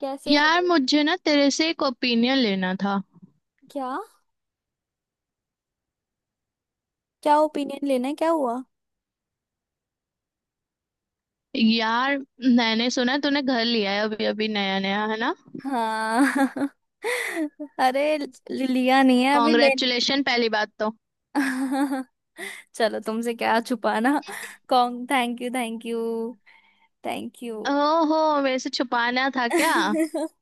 कैसे यार हो। मुझे ना तेरे से एक ओपिनियन लेना था। क्या? क्या ओपिनियन लेना है, क्या हुआ? यार मैंने सुना है तूने घर लिया है अभी अभी नया नया है ना। हाँ। अरे लिया नहीं है, अभी ले। कॉन्ग्रेचुलेशन पहली बात तो। चलो, तुमसे क्या छुपाना। कौन? Thank you, thank you, thank you. ओहो मेरे से छुपाना था क्या।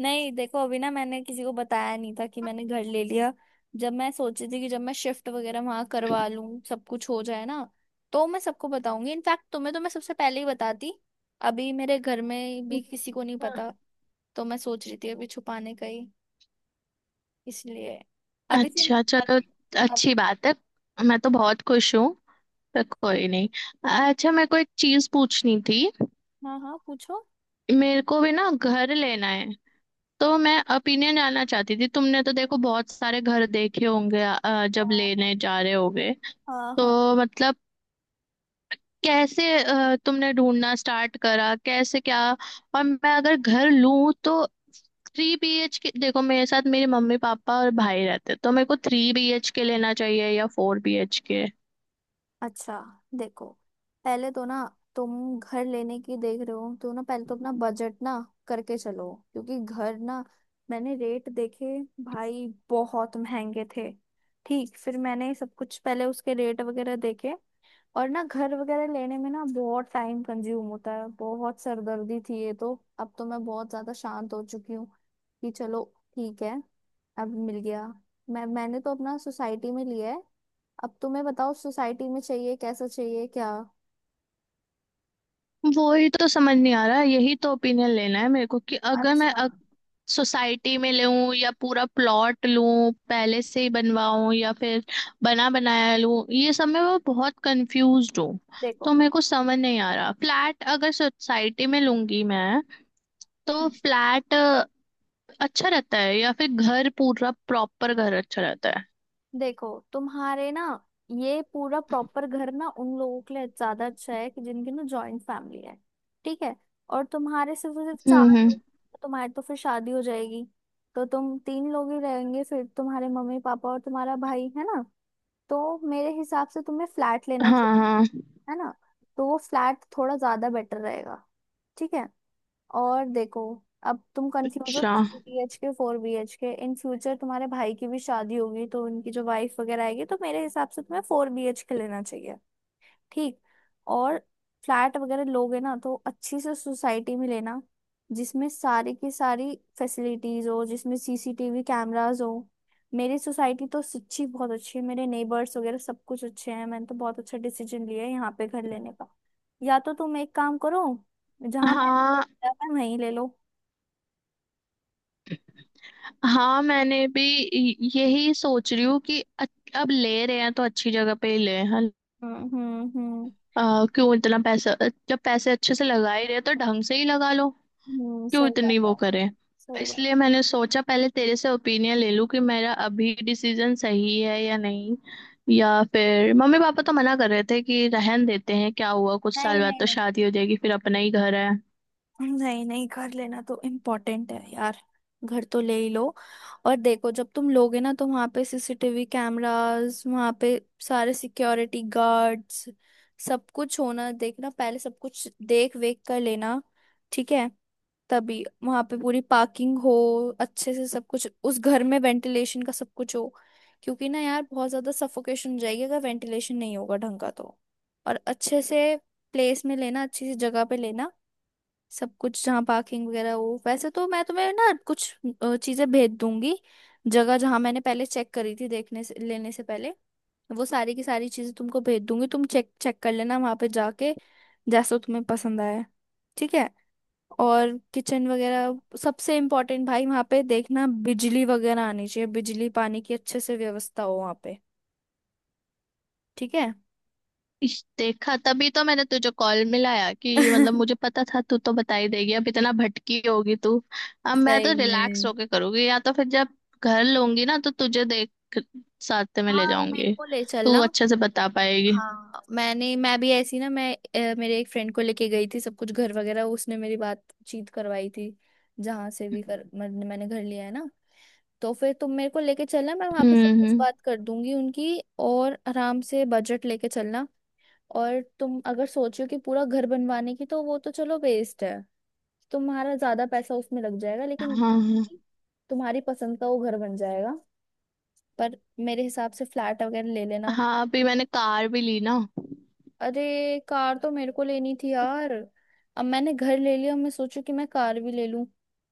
नहीं, देखो, अभी ना मैंने किसी को बताया नहीं था कि मैंने घर ले लिया। जब मैं सोची थी कि जब मैं शिफ्ट वगैरह वहां करवा लूं, सब कुछ हो जाए ना। तो मैं सबको बताऊंगी, इनफैक्ट तुम्हें तो मैं सबसे पहले ही बताती। अभी मेरे घर में भी किसी को नहीं पता। तो मैं सोच रही थी अभी छुपाने का ही। इसलिए अभी से। अच्छा चलो, अभी। अब। अच्छी बात है। मैं तो बहुत खुश हूँ, पर कोई नहीं। अच्छा मेरे को एक चीज पूछनी थी। हाँ हाँ, पूछो। मेरे को भी ना घर लेना है, तो मैं ओपिनियन जानना चाहती थी। तुमने तो देखो बहुत सारे घर देखे होंगे जब हाँ हाँ। लेने जा रहे होगे। हाँ हाँ। तो मतलब तुमने ढूंढना स्टार्ट करा कैसे क्या। और मैं अगर घर लूं तो थ्री बी एच के, देखो मेरे साथ मेरे मम्मी पापा और भाई रहते, तो मेरे को थ्री बी एच के लेना चाहिए या फोर बी एच के। अच्छा, देखो। पहले तो ना, तुम घर लेने की देख रहे हो तो ना, पहले तो अपना बजट ना करके चलो, क्योंकि घर ना, मैंने रेट देखे भाई, बहुत महंगे थे। ठीक, फिर मैंने सब कुछ पहले उसके रेट वगैरह देखे। और ना, घर वगैरह लेने में ना बहुत टाइम कंज्यूम होता है, बहुत सरदर्दी थी ये तो। अब तो मैं बहुत ज्यादा शांत हो चुकी हूँ कि चलो, ठीक है, अब मिल गया। मैंने तो अपना सोसाइटी में लिया है। अब तुम्हें बताओ, सोसाइटी में चाहिए, कैसा चाहिए क्या? वो ही तो समझ नहीं आ रहा, यही तो ओपिनियन लेना है मेरे को कि अगर मैं अच्छा, सोसाइटी में लूं या पूरा प्लॉट लूं पहले से ही बनवाऊं या फिर बना बनाया लूं। ये सब में मैं बहुत कंफ्यूज हूँ। देखो तो मेरे को समझ नहीं आ रहा फ्लैट अगर सोसाइटी में लूंगी मैं तो फ्लैट अच्छा रहता है या फिर घर पूरा प्रॉपर घर अच्छा रहता है। देखो। तुम्हारे ना, ये पूरा प्रॉपर घर ना उन लोगों के लिए ज्यादा अच्छा है कि जिनकी ना जॉइंट फैमिली है। ठीक है। और तुम्हारे सिर्फ और सिर्फ चार हम्म। लोग, तो तुम्हारी तो फिर शादी हो जाएगी। तो तुम तीन लोग ही रहेंगे, फिर तुम्हारे मम्मी पापा और तुम्हारा भाई है ना। तो मेरे हिसाब से तुम्हें फ्लैट लेना हाँ चाहिए। हाँ। है ना। तो वो फ्लैट थोड़ा ज्यादा बेटर रहेगा। ठीक है। और देखो, अब तुम कंफ्यूज हो अच्छा। Three B H K, four B H K. In future तुम्हारे भाई की भी शादी होगी, तो उनकी जो वाइफ वगैरह आएगी, तो मेरे हिसाब से तुम्हें फोर बी एच के लेना चाहिए। ठीक। और फ्लैट वगैरह लोगे ना, तो अच्छी से सोसाइटी में लेना, जिसमें सारी की सारी फैसिलिटीज हो, जिसमें सीसीटीवी कैमरास हो। मेरी सोसाइटी तो सच्ची बहुत अच्छी है, मेरे नेबर्स वगैरह सब कुछ अच्छे हैं, मैंने तो बहुत अच्छा डिसीजन लिया है यहाँ पे घर लेने का। या तो तुम एक काम करो, जहाँ मैं हाँ मैं वहीं ले लो। हाँ, मैंने भी यही सोच रही हूँ कि अब ले रहे हैं तो अच्छी जगह पे ही ले हैं। हम्म। क्यों इतना पैसा, जब पैसे अच्छे से लगा ही रहे हैं, तो ढंग से ही लगा लो। क्यों सही इतनी बात वो है। करें। सही बात। इसलिए मैंने सोचा पहले तेरे से ओपिनियन ले लूं कि मेरा अभी डिसीजन सही है या नहीं, या फिर मम्मी पापा तो मना कर रहे थे कि रहन देते हैं, क्या हुआ कुछ नहीं साल बाद नहीं तो नहीं। शादी हो जाएगी फिर अपना ही घर है। नहीं नहीं, घर लेना तो इम्पोर्टेंट है यार। घर तो ले ही लो। और देखो, जब तुम लोगे ना, तो वहां पे सीसीटीवी कैमरास, वहां पे सारे सिक्योरिटी गार्ड्स, सब कुछ होना, देखना पहले सब कुछ देख वेख कर लेना। ठीक है। तभी वहां पे पूरी पार्किंग हो, अच्छे से सब कुछ, उस घर में वेंटिलेशन का सब कुछ हो। क्योंकि ना यार, बहुत ज्यादा सफोकेशन हो जाएगी अगर वेंटिलेशन नहीं होगा ढंग का तो। और अच्छे से प्लेस में लेना, अच्छी सी जगह पे लेना, सब कुछ जहाँ पार्किंग वगैरह हो। वैसे तो मैं तुम्हें ना कुछ चीजें भेज दूंगी, जगह जहाँ मैंने पहले चेक करी थी देखने से, लेने से पहले। वो सारी की सारी चीजें तुमको भेज दूंगी, तुम चेक चेक कर लेना वहां पे जाके, जैसा तुम्हें पसंद आए। ठीक है। और किचन वगैरह सबसे इम्पोर्टेंट भाई, वहां पे देखना बिजली वगैरह आनी चाहिए, बिजली पानी की अच्छे से व्यवस्था हो वहां पे। ठीक है। इस देखा तभी तो मैंने तुझे कॉल मिलाया कि मतलब मुझे पता था तू तो बता ही देगी, अब इतना भटकी होगी तू। अब मैं सही तो रिलैक्स में। होके करूंगी, या तो फिर जब घर लूंगी ना तो तुझे देख साथ में ले हाँ, मेरे जाऊंगी, को ले तू चलना। अच्छे से बता पाएगी। हाँ, मैं भी ऐसी ना, मैं मेरे एक फ्रेंड को लेके गई थी सब कुछ घर वगैरह, उसने मेरी बातचीत करवाई थी जहाँ से भी कर मैंने मैंने घर लिया है ना। तो फिर तुम मेरे को लेके चलना, मैं वहाँ पे सब कुछ हम्म। बात कर दूंगी उनकी, और आराम से बजट लेके चलना। और तुम अगर सोचो कि पूरा घर बनवाने की, तो वो तो चलो वेस्ट है। तुम्हारा ज्यादा पैसा उसमें लग जाएगा, लेकिन हाँ तुम्हारी पसंद का वो घर बन जाएगा। पर मेरे हिसाब से फ्लैट वगैरह ले लेना। हाँ, अभी मैंने कार भी ली ना। अरे कार तो मेरे को लेनी थी यार। अब मैंने घर ले लिया, मैं सोचू कि मैं कार भी ले लूं।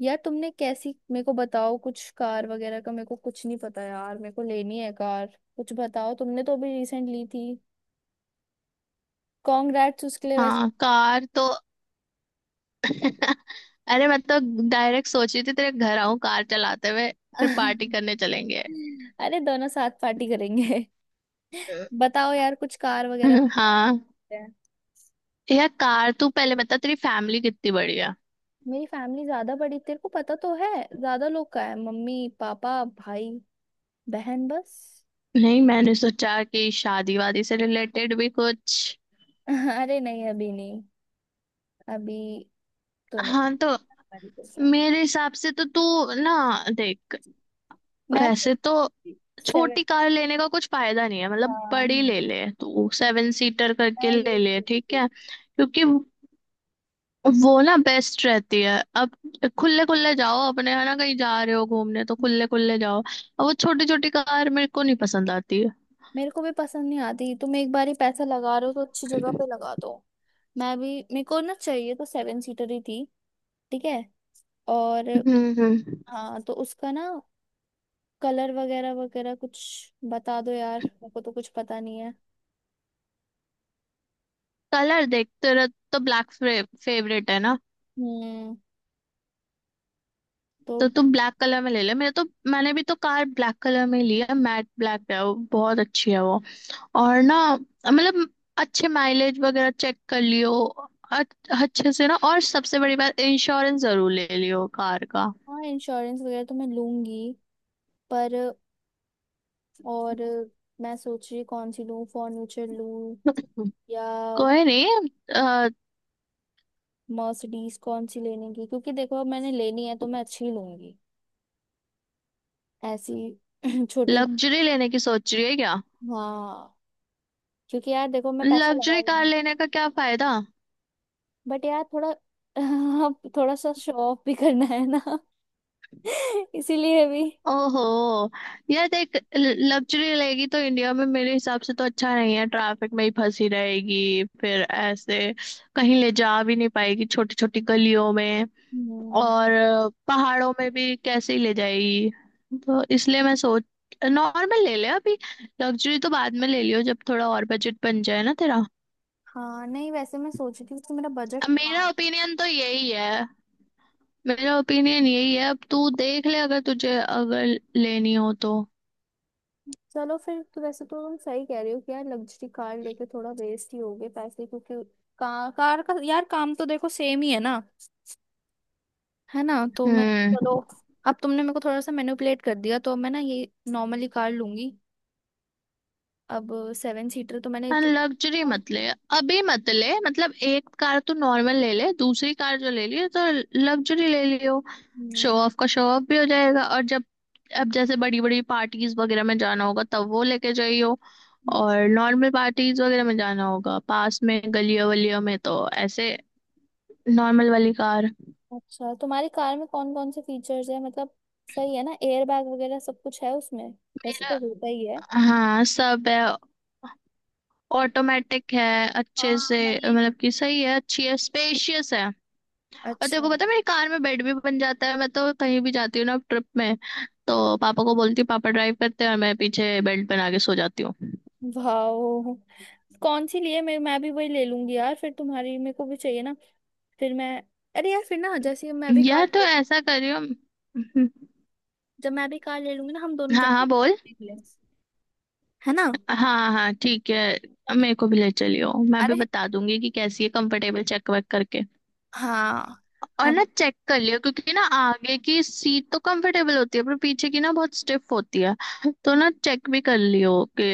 यार तुमने कैसी, मेरे को बताओ कुछ कार वगैरह का, मेरे को कुछ नहीं पता यार, मेरे को लेनी है कार। कुछ बताओ, तुमने तो अभी रिसेंट ली थी। कॉन्ग्रेट्स उसके लिए वैसे। हाँ कार तो अरे मैं तो डायरेक्ट सोच रही थी तेरे घर आऊं कार चलाते हुए, फिर पार्टी करने चलेंगे। अरे दोनों साथ पार्टी करेंगे। बताओ यार कुछ कार वगैरह मिल हाँ, जाते हैं। यार कार, तू पहले बता तेरी फैमिली कितनी बड़ी है। मेरी फैमिली ज्यादा बड़ी, तेरे को पता तो है। ज्यादा लोग का है, मम्मी पापा भाई बहन बस। नहीं मैंने सोचा कि शादी वादी से रिलेटेड भी कुछ। अरे नहीं, अभी नहीं। अभी तो नहीं। हाँ तो मेरे हिसाब से तो तू ना देख, मैं वैसे तो सेवन। छोटी कार लेने का कुछ फायदा नहीं है, मतलब बड़ी हाँ, ले ले तू, सेवन सीटर करके मैं ले यही ले ठीक सोचती है, क्योंकि वो ना बेस्ट रहती है। अब खुले खुले जाओ अपने, है ना, कहीं जा रहे हो घूमने तो हूँ। खुले खुले जाओ, अब वो छोटी छोटी कार मेरे को नहीं पसंद आती है। मेरे को भी पसंद नहीं आती, तुम एक बार ही पैसा लगा रहे हो तो अच्छी जगह हम्म पे लगा दो। मैं भी, मेरे को ना चाहिए तो सेवन सीटर ही थी। ठीक है। और हम्म। हाँ, तो उसका ना कलर वगैरह वगैरह कुछ बता दो यार, मेरे को तो कुछ पता नहीं है। कलर देख तेरा तो ब्लैक फेवरेट है ना, हम्म, तो। तो तू ब्लैक कलर में ले ले। मेरे तो, मैंने भी तो कार ब्लैक कलर में ली है, मैट ब्लैक है वो, बहुत अच्छी है वो। और ना मतलब अच्छे माइलेज वगैरह चेक कर लियो। अ- अच्छे से ना, और सबसे बड़ी बात इंश्योरेंस जरूर ले लियो कार का। हाँ, इंश्योरेंस वगैरह तो मैं लूंगी। पर और मैं सोच रही कौन सी लूँ, फर्नीचर लूँ, या कोई नहीं, मर्सिडीज कौन सी लेने की, क्योंकि देखो अब मैंने लेनी है तो मैं अच्छी ही लूंगी, ऐसी छोटी। लग्जरी लेने की सोच रही है क्या। हाँ, क्योंकि यार देखो, मैं पैसा लगा लग्जरी रही कार हूँ। लेने का क्या फायदा। बट यार थोड़ा, अब थोड़ा सा शो ऑफ भी करना है ना, इसीलिए भी। ओहो, यार देख लग्जरी लेगी तो इंडिया में मेरे हिसाब से तो अच्छा नहीं है, ट्रैफिक में ही फंसी रहेगी फिर ऐसे, कहीं ले जा भी नहीं पाएगी छोटी छोटी गलियों में, हम्म। और पहाड़ों में भी कैसे ही ले जाएगी। तो इसलिए मैं सोच, नॉर्मल ले ले अभी, लग्जरी तो बाद में ले लियो जब थोड़ा और बजट बन जाए ना तेरा। हाँ, नहीं, वैसे मैं सोच रही थी कि मेरा बजट अब था। मेरा ओपिनियन तो यही है। मेरा ओपिनियन यही है, अब तू देख ले अगर तुझे अगर लेनी हो तो। चलो फिर तो, वैसे तो तुम सही कह रही हो कि यार लग्जरी कार लेके थोड़ा वेस्ट ही हो गए पैसे, क्योंकि कार, कार का यार काम तो देखो सेम ही है ना। है ना, तो मैं, हम्म, चलो। अब तुमने मेरे को थोड़ा सा मैनिपुलेट कर दिया, तो मैं ना ये नॉर्मली कार लूंगी। अब सेवन सीटर तो मैंने लग्जरी मत ले अभी, मत ले। मतलब एक कार तो नॉर्मल ले ले, दूसरी कार जो ले लियो तो लग्जरी ले लियो। शो हम्म, ऑफ का शो ऑफ भी हो जाएगा, और जब अब जैसे बड़ी बड़ी पार्टीज वगैरह में जाना होगा तब वो लेके जाइयो, और नॉर्मल पार्टीज वगैरह में जाना होगा पास में गलियों वलियों में तो ऐसे नॉर्मल वाली कार। अच्छा, तुम्हारी कार में कौन कौन से फीचर्स है मतलब? सही है ना, एयर बैग वगैरह सब कुछ है उसमें, वैसे तो होता ही है। हाँ सब है, ऑटोमेटिक है, अच्छे हाँ, से, मैं ये। मतलब कि सही है, अच्छी है, स्पेशियस है। और तेरे अच्छा। को पता है मेरी कार में बेड भी बन जाता है, मैं तो कहीं भी जाती हूँ ना ट्रिप में तो पापा को बोलती हूँ पापा ड्राइव करते हैं और मैं पीछे बेल्ट बना के सो जाती हूँ। वाओ। कौन सी लिए? मैं भी वही ले लूंगी यार, फिर तुम्हारी मेरे को भी चाहिए ना। फिर मैं, अरे यार, फिर ना जैसे मैं भी यह कार, तो ऐसा करियो। जब मैं भी कार ले लूंगी ना, हम दोनों हाँ जाएंगे हाँ बोल। घूमने के लिए, है ना। हाँ हाँ ठीक है, मेरे को भी ले चलियो, मैं भी अरे बता दूंगी कि कैसी है, कंफर्टेबल चेक वेक करके। हाँ, और ना हम, चेक कर लियो, क्योंकि ना आगे की सीट तो कंफर्टेबल होती है पर पीछे की ना बहुत स्टिफ होती है। तो ना चेक भी कर लियो कि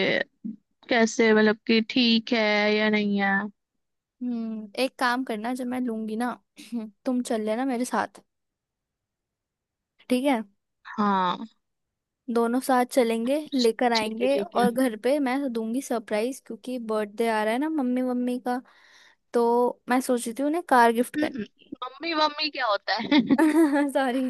कैसे, मतलब कि ठीक है या नहीं है। हम्म, एक काम करना जब मैं लूंगी ना, तुम चल लेना मेरे साथ, ठीक है। हाँ, दोनों साथ चलेंगे लेकर ठीक है आएंगे, ठीक है। और घर पे मैं दूंगी सरप्राइज, क्योंकि बर्थडे आ रहा है ना मम्मी मम्मी का। तो मैं सोच रही थी उन्हें कार गिफ्ट हम्म, करने की। मम्मी मम्मी क्या होता है। सॉरी,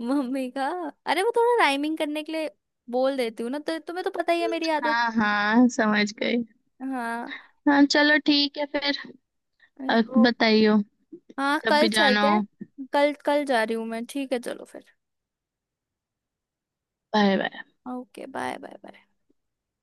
मम्मी का। अरे वो थोड़ा राइमिंग करने के लिए बोल देती हूँ ना, तो तुम्हें तो पता ही है मेरी आदत। हाँ हाँ समझ गई। हाँ। हाँ चलो ठीक है फिर, अब ओ, बताइयो, हाँ, जब कल भी चलते जाना हो। हैं। कल कल जा रही हूँ मैं, ठीक है, चलो फिर। Bye bye. Okay, bye bye bye.